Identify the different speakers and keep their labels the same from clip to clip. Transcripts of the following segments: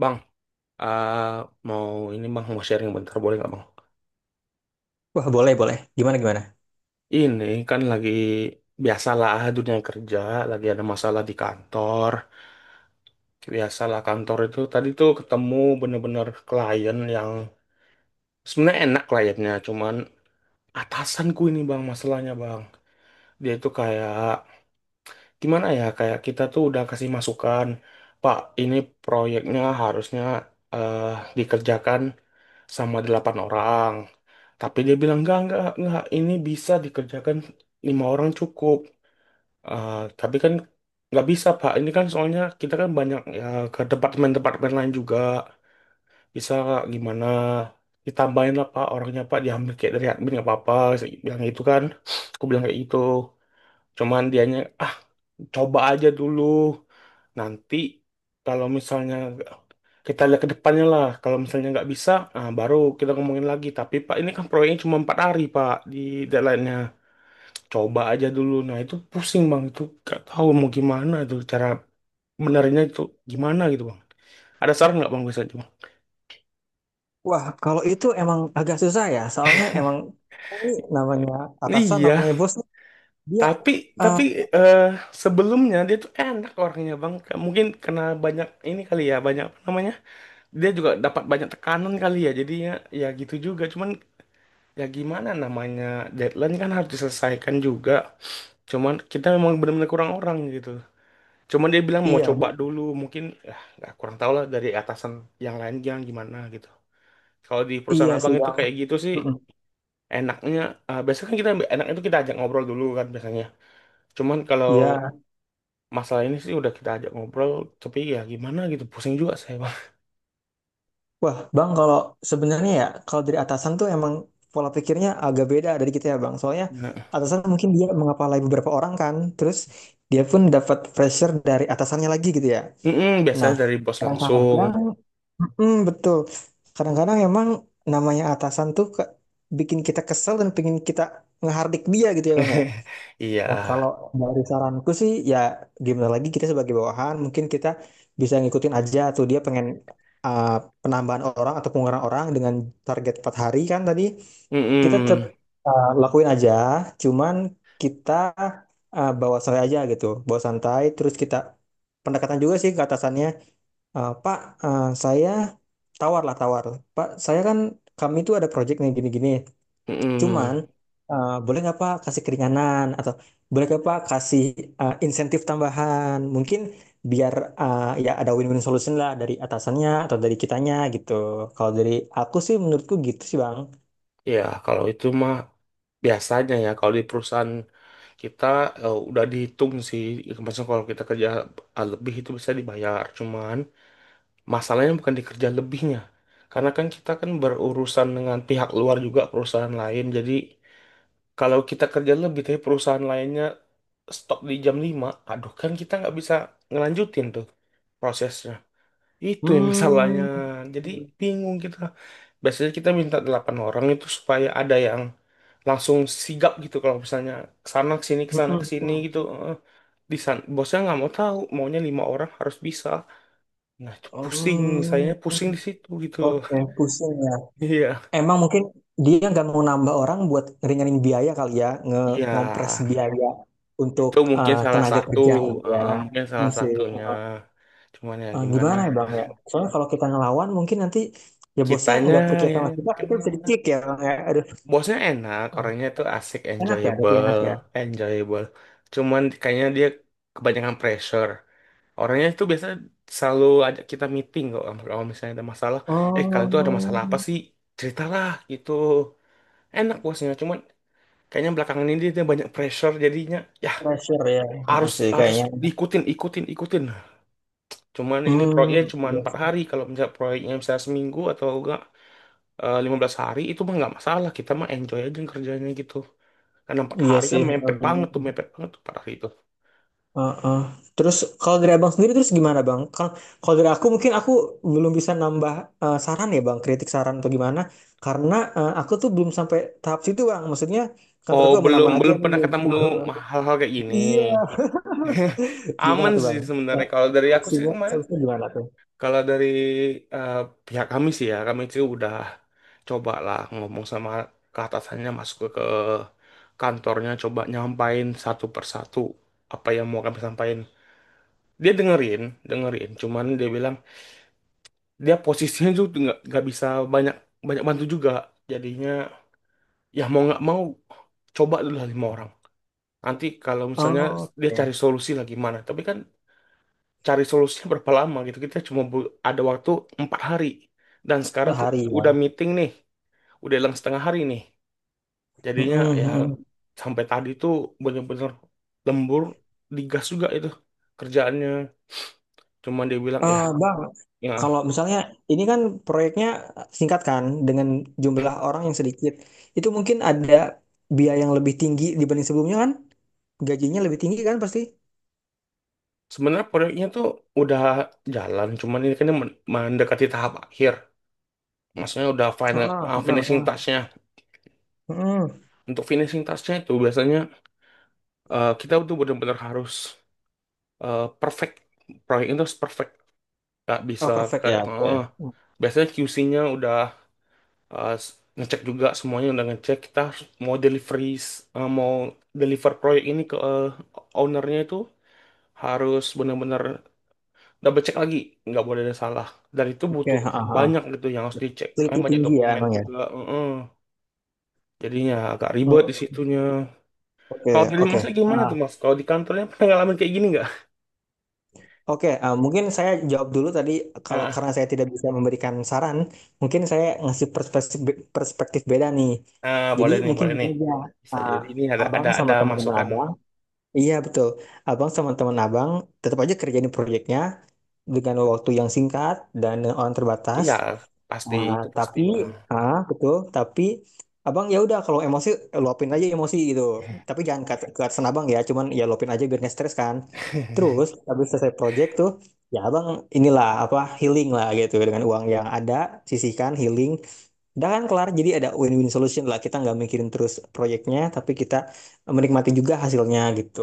Speaker 1: Bang, eh, mau ini bang mau sharing bentar boleh nggak bang?
Speaker 2: Wah, boleh, boleh. Gimana, gimana?
Speaker 1: Ini kan lagi biasalah, dunia kerja, lagi ada masalah di kantor. Biasalah, kantor itu tadi tuh ketemu bener-bener klien yang sebenarnya enak kliennya, cuman atasanku ini bang masalahnya bang. Dia itu kayak gimana ya? Kayak kita tuh udah kasih masukan, Pak, ini proyeknya harusnya eh, dikerjakan sama 8 orang. Tapi dia bilang, enggak, ini bisa dikerjakan 5 orang cukup. Tapi kan nggak bisa, Pak. Ini kan soalnya kita kan banyak ya ke departemen-departemen lain juga. Bisa nggak, gimana? Ditambahin lah, Pak, orangnya, Pak. Diambil kayak dari admin, nggak apa-apa. Saya bilang itu kan. Aku bilang kayak gitu. Cuman dianya, coba aja dulu, nanti kalau misalnya kita lihat ke depannya lah, kalau misalnya nggak bisa, baru kita ngomongin lagi. Tapi, Pak, ini kan proyeknya cuma 4 hari, Pak, di deadline-nya. Coba aja dulu. Nah, itu pusing, Bang. Itu nggak tahu mau gimana, itu cara benarnya itu gimana gitu, Bang. Ada saran nggak, Bang? Bisa aja Bang.
Speaker 2: Wah, kalau itu emang agak susah ya, soalnya emang ini namanya atasan,
Speaker 1: Iya.
Speaker 2: namanya bos, dia,
Speaker 1: tapi
Speaker 2: eh,
Speaker 1: tapi eh, sebelumnya dia tuh enak orangnya, Bang. Mungkin karena banyak ini kali ya, banyak apa namanya, dia juga dapat banyak tekanan kali ya, jadinya ya gitu juga. Cuman ya gimana, namanya deadline kan harus diselesaikan juga, cuman kita memang benar-benar kurang orang gitu. Cuman dia bilang mau
Speaker 2: iya,
Speaker 1: coba dulu, mungkin ya nggak kurang tahu lah dari atasan yang lain yang gimana gitu. Kalau di
Speaker 2: iya
Speaker 1: perusahaan abang
Speaker 2: sih
Speaker 1: itu
Speaker 2: bang.
Speaker 1: kayak gitu sih
Speaker 2: Mm-mm.
Speaker 1: enaknya. Biasanya kan kita, enak itu kita ajak ngobrol dulu kan biasanya. Cuman kalau
Speaker 2: Iya.
Speaker 1: masalah ini sih udah kita ajak ngobrol, tapi ya gimana gitu, pusing juga saya bang.
Speaker 2: Wah, bang, kalau sebenarnya ya, kalau dari atasan tuh emang pola pikirnya agak beda dari kita ya bang. Soalnya
Speaker 1: Nah,
Speaker 2: atasan mungkin dia mengepalai beberapa orang kan, terus dia pun dapat pressure dari atasannya lagi gitu ya.
Speaker 1: mm-mm,
Speaker 2: Nah,
Speaker 1: biasanya dari bos langsung.
Speaker 2: kadang-kadang, betul. Kadang-kadang emang namanya atasan tuh bikin kita kesel dan pengen kita ngehardik dia gitu ya bang ya.
Speaker 1: Iya.
Speaker 2: Nah kalau dari saranku sih ya, gimana lagi kita sebagai bawahan mungkin kita bisa ngikutin aja tuh dia pengen uh, penambahan orang atau pengurangan orang dengan target 4 hari kan tadi, kita tetap
Speaker 1: Mm-mm.
Speaker 2: lakuin aja, cuman kita bawa santai aja gitu, bawa santai, terus kita pendekatan juga sih ke atasannya. Pak, saya tawar lah tawar. Pak, saya kan, kami itu ada project nih gini-gini. Cuman
Speaker 1: Mm-mm.
Speaker 2: boleh nggak Pak kasih keringanan atau boleh nggak Pak kasih insentif tambahan? Mungkin biar ya ada win-win solution lah dari atasannya atau dari kitanya gitu. Kalau dari aku sih, menurutku gitu sih Bang.
Speaker 1: Ya, kalau itu mah biasanya ya kalau di perusahaan kita udah dihitung sih. Maksudnya kalau kita kerja lebih itu bisa dibayar, cuman masalahnya bukan di kerja lebihnya, karena kan kita kan berurusan dengan pihak luar juga, perusahaan lain. Jadi kalau kita kerja lebih tapi perusahaan lainnya stop di jam 5, aduh kan kita nggak bisa ngelanjutin tuh prosesnya. Itu yang masalahnya.
Speaker 2: Hmm.
Speaker 1: Jadi bingung kita. Biasanya kita minta 8 orang itu supaya ada yang langsung sigap gitu kalau misalnya kesana kesini
Speaker 2: Mm-mm.
Speaker 1: gitu. Eh, Di sana bosnya nggak mau tahu, maunya 5 orang harus bisa. Nah, itu pusing, sayanya pusing di
Speaker 2: Hmm.
Speaker 1: situ gitu.
Speaker 2: Oke, pusing ya.
Speaker 1: Iya.
Speaker 2: Emang mungkin dia nggak mau nambah orang buat ngeringanin biaya kali ya, nge
Speaker 1: Iya,
Speaker 2: ngompres biaya untuk
Speaker 1: itu mungkin salah
Speaker 2: tenaga
Speaker 1: satu,
Speaker 2: kerja gitu ya.
Speaker 1: mungkin salah
Speaker 2: Hmm, sih.
Speaker 1: satunya. Cuman ya
Speaker 2: Eh,
Speaker 1: gimana
Speaker 2: gimana ya
Speaker 1: ya.
Speaker 2: Bang ya? Soalnya kalau kita ngelawan mungkin nanti ya bosnya
Speaker 1: Kitanya
Speaker 2: nggak percaya
Speaker 1: ya
Speaker 2: sama kita, kita bisa
Speaker 1: kena.
Speaker 2: dicik ya Bang ya. Aduh.
Speaker 1: Bosnya enak,
Speaker 2: Oh,
Speaker 1: orangnya tuh asik,
Speaker 2: enak ya, tapi
Speaker 1: enjoyable,
Speaker 2: enak ya.
Speaker 1: enjoyable. Cuman kayaknya dia kebanyakan pressure. Orangnya itu biasa selalu ajak kita meeting kok. Kalau misalnya ada masalah, kalian tuh ada masalah
Speaker 2: Oh,
Speaker 1: apa sih? Ceritalah gitu. Enak bosnya, cuman kayaknya belakangan ini dia banyak pressure, jadinya ya
Speaker 2: pressure ya. Heeh
Speaker 1: harus
Speaker 2: sih
Speaker 1: harus
Speaker 2: kayaknya.
Speaker 1: diikutin, ikutin, ikutin. Cuman ini proyeknya
Speaker 2: Hmm,
Speaker 1: cuman
Speaker 2: iya,
Speaker 1: 4 hari. Kalau misalnya proyeknya misalnya seminggu atau enggak 15 hari, itu mah nggak masalah, kita mah enjoy aja kerjanya gitu. Karena empat
Speaker 2: iya
Speaker 1: hari kan
Speaker 2: sih.
Speaker 1: mepet banget tuh, mepet banget tuh 4 hari itu.
Speaker 2: Heeh. Terus kalau dari abang sendiri, terus gimana bang? Kalau kalau dari aku mungkin aku belum bisa nambah saran ya bang, kritik saran atau gimana? Karena aku tuh belum sampai tahap situ bang. Maksudnya
Speaker 1: Oh,
Speaker 2: kantorku
Speaker 1: belum
Speaker 2: aman-aman aja
Speaker 1: belum pernah
Speaker 2: nih.
Speaker 1: ketemu hal-hal kayak gini.
Speaker 2: Iya. Gimana
Speaker 1: Aman
Speaker 2: tuh
Speaker 1: sih
Speaker 2: bang? Ya,
Speaker 1: sebenarnya kalau dari aku sih
Speaker 2: solusinya
Speaker 1: kemarin.
Speaker 2: solusinya gimana tuh?
Speaker 1: Kalau dari eh, pihak kami sih ya, kami sih udah coba lah ngomong sama, ke atasannya, masuk ke, kantornya, coba nyampain satu persatu apa yang mau kami sampaikan. Dia dengerin dengerin, cuman dia bilang dia posisinya juga nggak bisa banyak banyak bantu juga. Jadinya ya mau nggak mau, coba dulu lah 5 orang, nanti kalau misalnya
Speaker 2: Oh,
Speaker 1: dia cari
Speaker 2: oke.
Speaker 1: solusi lah gimana. Tapi kan cari solusinya berapa lama gitu, kita cuma ada waktu 4 hari, dan
Speaker 2: Per
Speaker 1: sekarang
Speaker 2: hari
Speaker 1: udah
Speaker 2: ya.
Speaker 1: meeting nih, udah hilang setengah hari nih. Jadinya
Speaker 2: Mm-mm,
Speaker 1: ya
Speaker 2: mm-mm.
Speaker 1: sampai tadi tuh bener-bener lembur, digas juga itu kerjaannya. Cuma dia bilang ya,
Speaker 2: Ah, bang,
Speaker 1: ya.
Speaker 2: kalau misalnya ini kan proyeknya singkat kan dengan jumlah orang yang sedikit, itu mungkin ada biaya yang lebih tinggi dibanding sebelumnya kan? Gajinya lebih tinggi kan pasti?
Speaker 1: Sebenarnya proyeknya tuh udah jalan, cuman ini kan mendekati tahap akhir. Maksudnya udah final,
Speaker 2: Heeh, heeh,
Speaker 1: finishing
Speaker 2: heeh.
Speaker 1: touch-nya.
Speaker 2: Mm.
Speaker 1: Untuk finishing touch-nya itu biasanya kita tuh benar-benar harus perfect. Proyek itu harus perfect. Gak bisa
Speaker 2: Oh, perfect
Speaker 1: kayak,
Speaker 2: ya.
Speaker 1: "Ah."
Speaker 2: Oke.
Speaker 1: Biasanya QC-nya udah uh, s- ngecek, juga semuanya udah ngecek. Kita harus mau delivery, mau deliver proyek ini ke ownernya, itu harus benar-benar double check lagi, nggak boleh ada salah. Dan itu
Speaker 2: Oke,
Speaker 1: butuh
Speaker 2: heeh, heeh.
Speaker 1: banyak gitu yang harus dicek, karena
Speaker 2: Teliti
Speaker 1: banyak
Speaker 2: tinggi ya
Speaker 1: dokumen
Speaker 2: emang ya.
Speaker 1: juga, heeh. Jadinya agak ribet di
Speaker 2: Hmm.
Speaker 1: situnya.
Speaker 2: Oke,
Speaker 1: Kalau dari
Speaker 2: oke.
Speaker 1: masnya gimana
Speaker 2: Ah,
Speaker 1: tuh mas, kalau di kantornya pernah ngalamin kayak gini nggak?
Speaker 2: oke, ah, mungkin saya jawab dulu tadi, kalau
Speaker 1: ah,
Speaker 2: karena saya tidak bisa memberikan saran, mungkin saya ngasih perspektif perspektif beda nih. Jadi
Speaker 1: Boleh nih,
Speaker 2: mungkin
Speaker 1: boleh
Speaker 2: gini
Speaker 1: nih.
Speaker 2: aja,
Speaker 1: Bisa
Speaker 2: ah,
Speaker 1: jadi ini ada
Speaker 2: abang
Speaker 1: ada ada
Speaker 2: sama teman-teman
Speaker 1: masukan.
Speaker 2: abang, iya betul, abang sama teman abang tetap aja kerjain proyeknya, dengan waktu yang singkat dan orang terbatas.
Speaker 1: Iya, pasti
Speaker 2: Nah,
Speaker 1: itu pasti
Speaker 2: tapi,
Speaker 1: bang.
Speaker 2: ah, betul, tapi Abang ya udah kalau emosi luapin aja emosi gitu. Tapi jangan ke atasan Abang ya, cuman ya luapin aja biar nggak stres kan. Terus habis selesai project tuh, ya Abang inilah apa healing lah gitu, dengan uang yang ada sisihkan healing. Udah kan kelar, jadi ada win-win solution lah. Kita nggak mikirin terus proyeknya, tapi kita menikmati juga hasilnya gitu.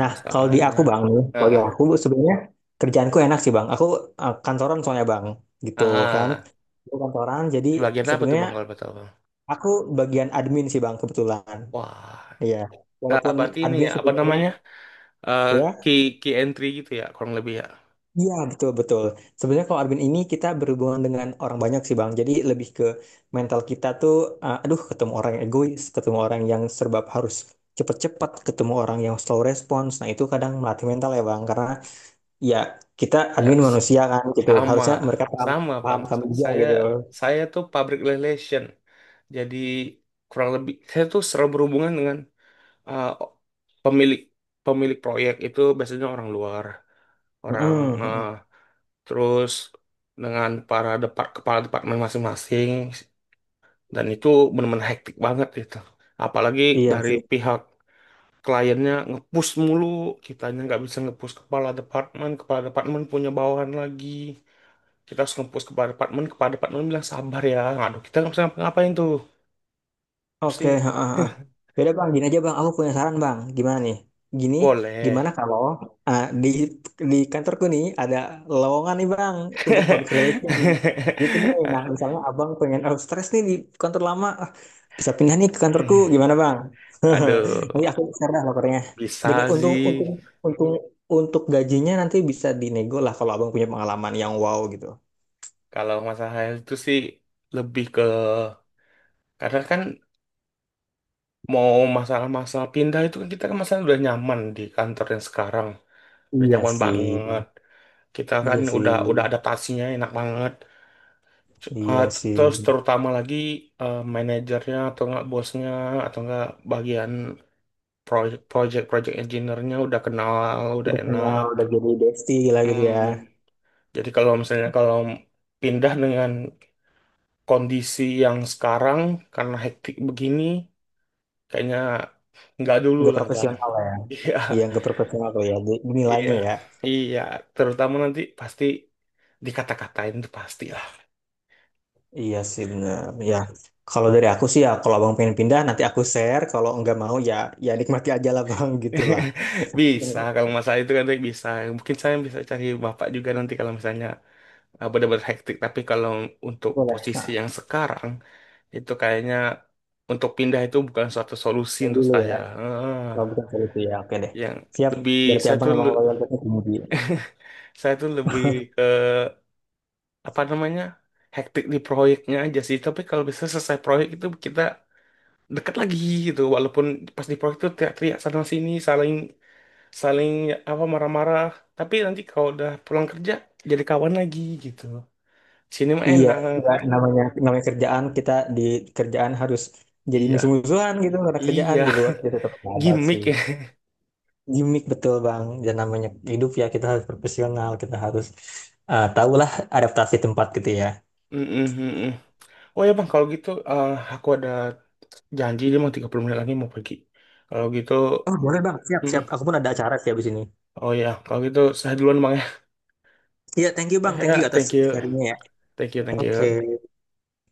Speaker 2: Nah, kalau di
Speaker 1: Masalahnya,
Speaker 2: aku bang, kalau di
Speaker 1: ah,
Speaker 2: aku sebenarnya kerjaanku enak sih bang. Aku kantoran soalnya bang, gitu kan.
Speaker 1: ah, ah.
Speaker 2: Aku kantoran, jadi
Speaker 1: di bagian apa tuh
Speaker 2: sebenarnya
Speaker 1: bang? Kalau betul bang,
Speaker 2: aku bagian admin sih bang kebetulan.
Speaker 1: wah,
Speaker 2: Iya. Walaupun
Speaker 1: berarti ini
Speaker 2: admin
Speaker 1: ya apa
Speaker 2: sebenarnya,
Speaker 1: namanya. Eh
Speaker 2: ya,
Speaker 1: key key entry gitu ya kurang lebih ya.
Speaker 2: iya betul betul. Sebenarnya kalau admin ini kita berhubungan dengan orang banyak sih bang. Jadi lebih ke mental kita tuh, aduh, ketemu orang yang egois, ketemu orang yang serba harus cepat-cepat, ketemu orang yang slow response. Nah itu kadang melatih mental ya bang, karena ya kita admin
Speaker 1: Yes,
Speaker 2: manusia kan gitu,
Speaker 1: sama,
Speaker 2: harusnya mereka paham,
Speaker 1: sama Bang.
Speaker 2: paham kami
Speaker 1: Sa-
Speaker 2: juga
Speaker 1: Saya
Speaker 2: gitu.
Speaker 1: saya tuh public relation. Jadi kurang lebih saya tuh selalu berhubungan dengan uh, pemilik, pemilik proyek itu biasanya orang luar, orang
Speaker 2: Mm-mm,
Speaker 1: uh,
Speaker 2: mm-mm.
Speaker 1: terus dengan para kepala departemen masing-masing, dan itu benar-benar hektik banget gitu. Apalagi
Speaker 2: Iya
Speaker 1: dari
Speaker 2: sih,
Speaker 1: pihak kliennya ngepush mulu, kitanya nggak bisa ngepush kepala departemen punya bawahan lagi. Kita harus ngepost kepada departemen bilang sabar ya. Aduh, kita nggak bisa ngapain tuh.
Speaker 2: oke.
Speaker 1: Pusing.
Speaker 2: Ha, ha. Yaudah bang, gini aja bang, aku punya saran bang, gimana nih, gini.
Speaker 1: Boleh.
Speaker 2: Gimana kalau ah, di di kantorku nih ada lowongan nih bang untuk public relation gitu nih? Nah misalnya abang pengen out stress nih di kantor lama, bisa pindah nih ke kantorku, gimana Bang?
Speaker 1: Aduh,
Speaker 2: Nanti aku share dah laporannya. Dengan
Speaker 1: bisa
Speaker 2: untung untung
Speaker 1: sih.
Speaker 2: untung untuk gajinya nanti bisa dinego lah kalau Abang punya pengalaman yang wow gitu.
Speaker 1: Kalau masalah itu sih lebih ke, karena kan mau masalah-masalah pindah itu kan, kita kan masalah udah nyaman di kantor yang sekarang. Udah
Speaker 2: Iya
Speaker 1: nyaman
Speaker 2: sih,
Speaker 1: banget. Kita kan
Speaker 2: iya sih,
Speaker 1: udah adaptasinya enak banget. Uh,
Speaker 2: iya sih.
Speaker 1: terus terutama lagi manajernya atau enggak bosnya, atau enggak bagian project project engineer-nya udah kenal, udah
Speaker 2: Udah kenal, udah
Speaker 1: enak.
Speaker 2: jadi bestie gila gitu ya.
Speaker 1: Hmm. Jadi kalau misalnya kalau pindah dengan kondisi yang sekarang, karena hektik begini, kayaknya nggak dulu
Speaker 2: Nggak
Speaker 1: lah Bang.
Speaker 2: profesional lah ya. Iya, nggak profesional tuh ya.
Speaker 1: Iya,
Speaker 2: Nilainya ya.
Speaker 1: iya, iya. Terutama nanti pasti dikata-katain, itu pasti.
Speaker 2: Iya sih bener. Ya, kalau dari aku sih ya, kalau abang pengen pindah nanti aku share. Kalau nggak mau ya, ya nikmati aja lah bang, gitu lah.
Speaker 1: Bisa, kalau masalah itu kan Rick, bisa. Mungkin saya bisa cari bapak juga nanti kalau misalnya benar-benar hektik. Tapi kalau untuk
Speaker 2: Boleh.
Speaker 1: posisi
Speaker 2: Nah,
Speaker 1: yang sekarang, itu kayaknya untuk pindah itu bukan suatu solusi
Speaker 2: ya
Speaker 1: untuk
Speaker 2: dulu
Speaker 1: saya.
Speaker 2: ya.
Speaker 1: Ah,
Speaker 2: Oh, bukan solusi ya. Oke deh.
Speaker 1: yang
Speaker 2: Siap.
Speaker 1: lebih
Speaker 2: Berarti
Speaker 1: saya
Speaker 2: abang
Speaker 1: tuh
Speaker 2: emang
Speaker 1: le-
Speaker 2: loyalitasnya tinggi.
Speaker 1: Saya tuh lebih ke apa namanya, hektik di proyeknya aja sih. Tapi kalau bisa selesai proyek itu kita dekat lagi gitu. Walaupun pas di proyek itu teriak-teriak sana sini, saling saling apa marah-marah, tapi nanti kalau udah pulang kerja jadi kawan lagi gitu, sini mah
Speaker 2: Iya,
Speaker 1: enak.
Speaker 2: nggak, namanya namanya kerjaan kita, di kerjaan harus jadi
Speaker 1: Iya,
Speaker 2: musuh-musuhan gitu karena kerjaan
Speaker 1: iya.
Speaker 2: di luar kita tetap sahabat
Speaker 1: Gimmick
Speaker 2: sih.
Speaker 1: ya.
Speaker 2: Gimik betul bang. Dan namanya hidup ya kita harus profesional. Kita harus tahulah adaptasi tempat gitu ya.
Speaker 1: Mm-mm, mm-mm. Oh ya bang, kalau gitu aku ada janji, dia mau 30 menit lagi mau pergi. Kalau gitu,
Speaker 2: Oh boleh bang. Siap siap.
Speaker 1: mm-mm.
Speaker 2: Aku pun ada acara sih habis ini.
Speaker 1: Oh ya kalau gitu saya duluan bang ya.
Speaker 2: Iya, thank you bang. Thank you
Speaker 1: Ya,
Speaker 2: atas
Speaker 1: thank you,
Speaker 2: sharingnya ya.
Speaker 1: thank you, thank
Speaker 2: Oke.
Speaker 1: you.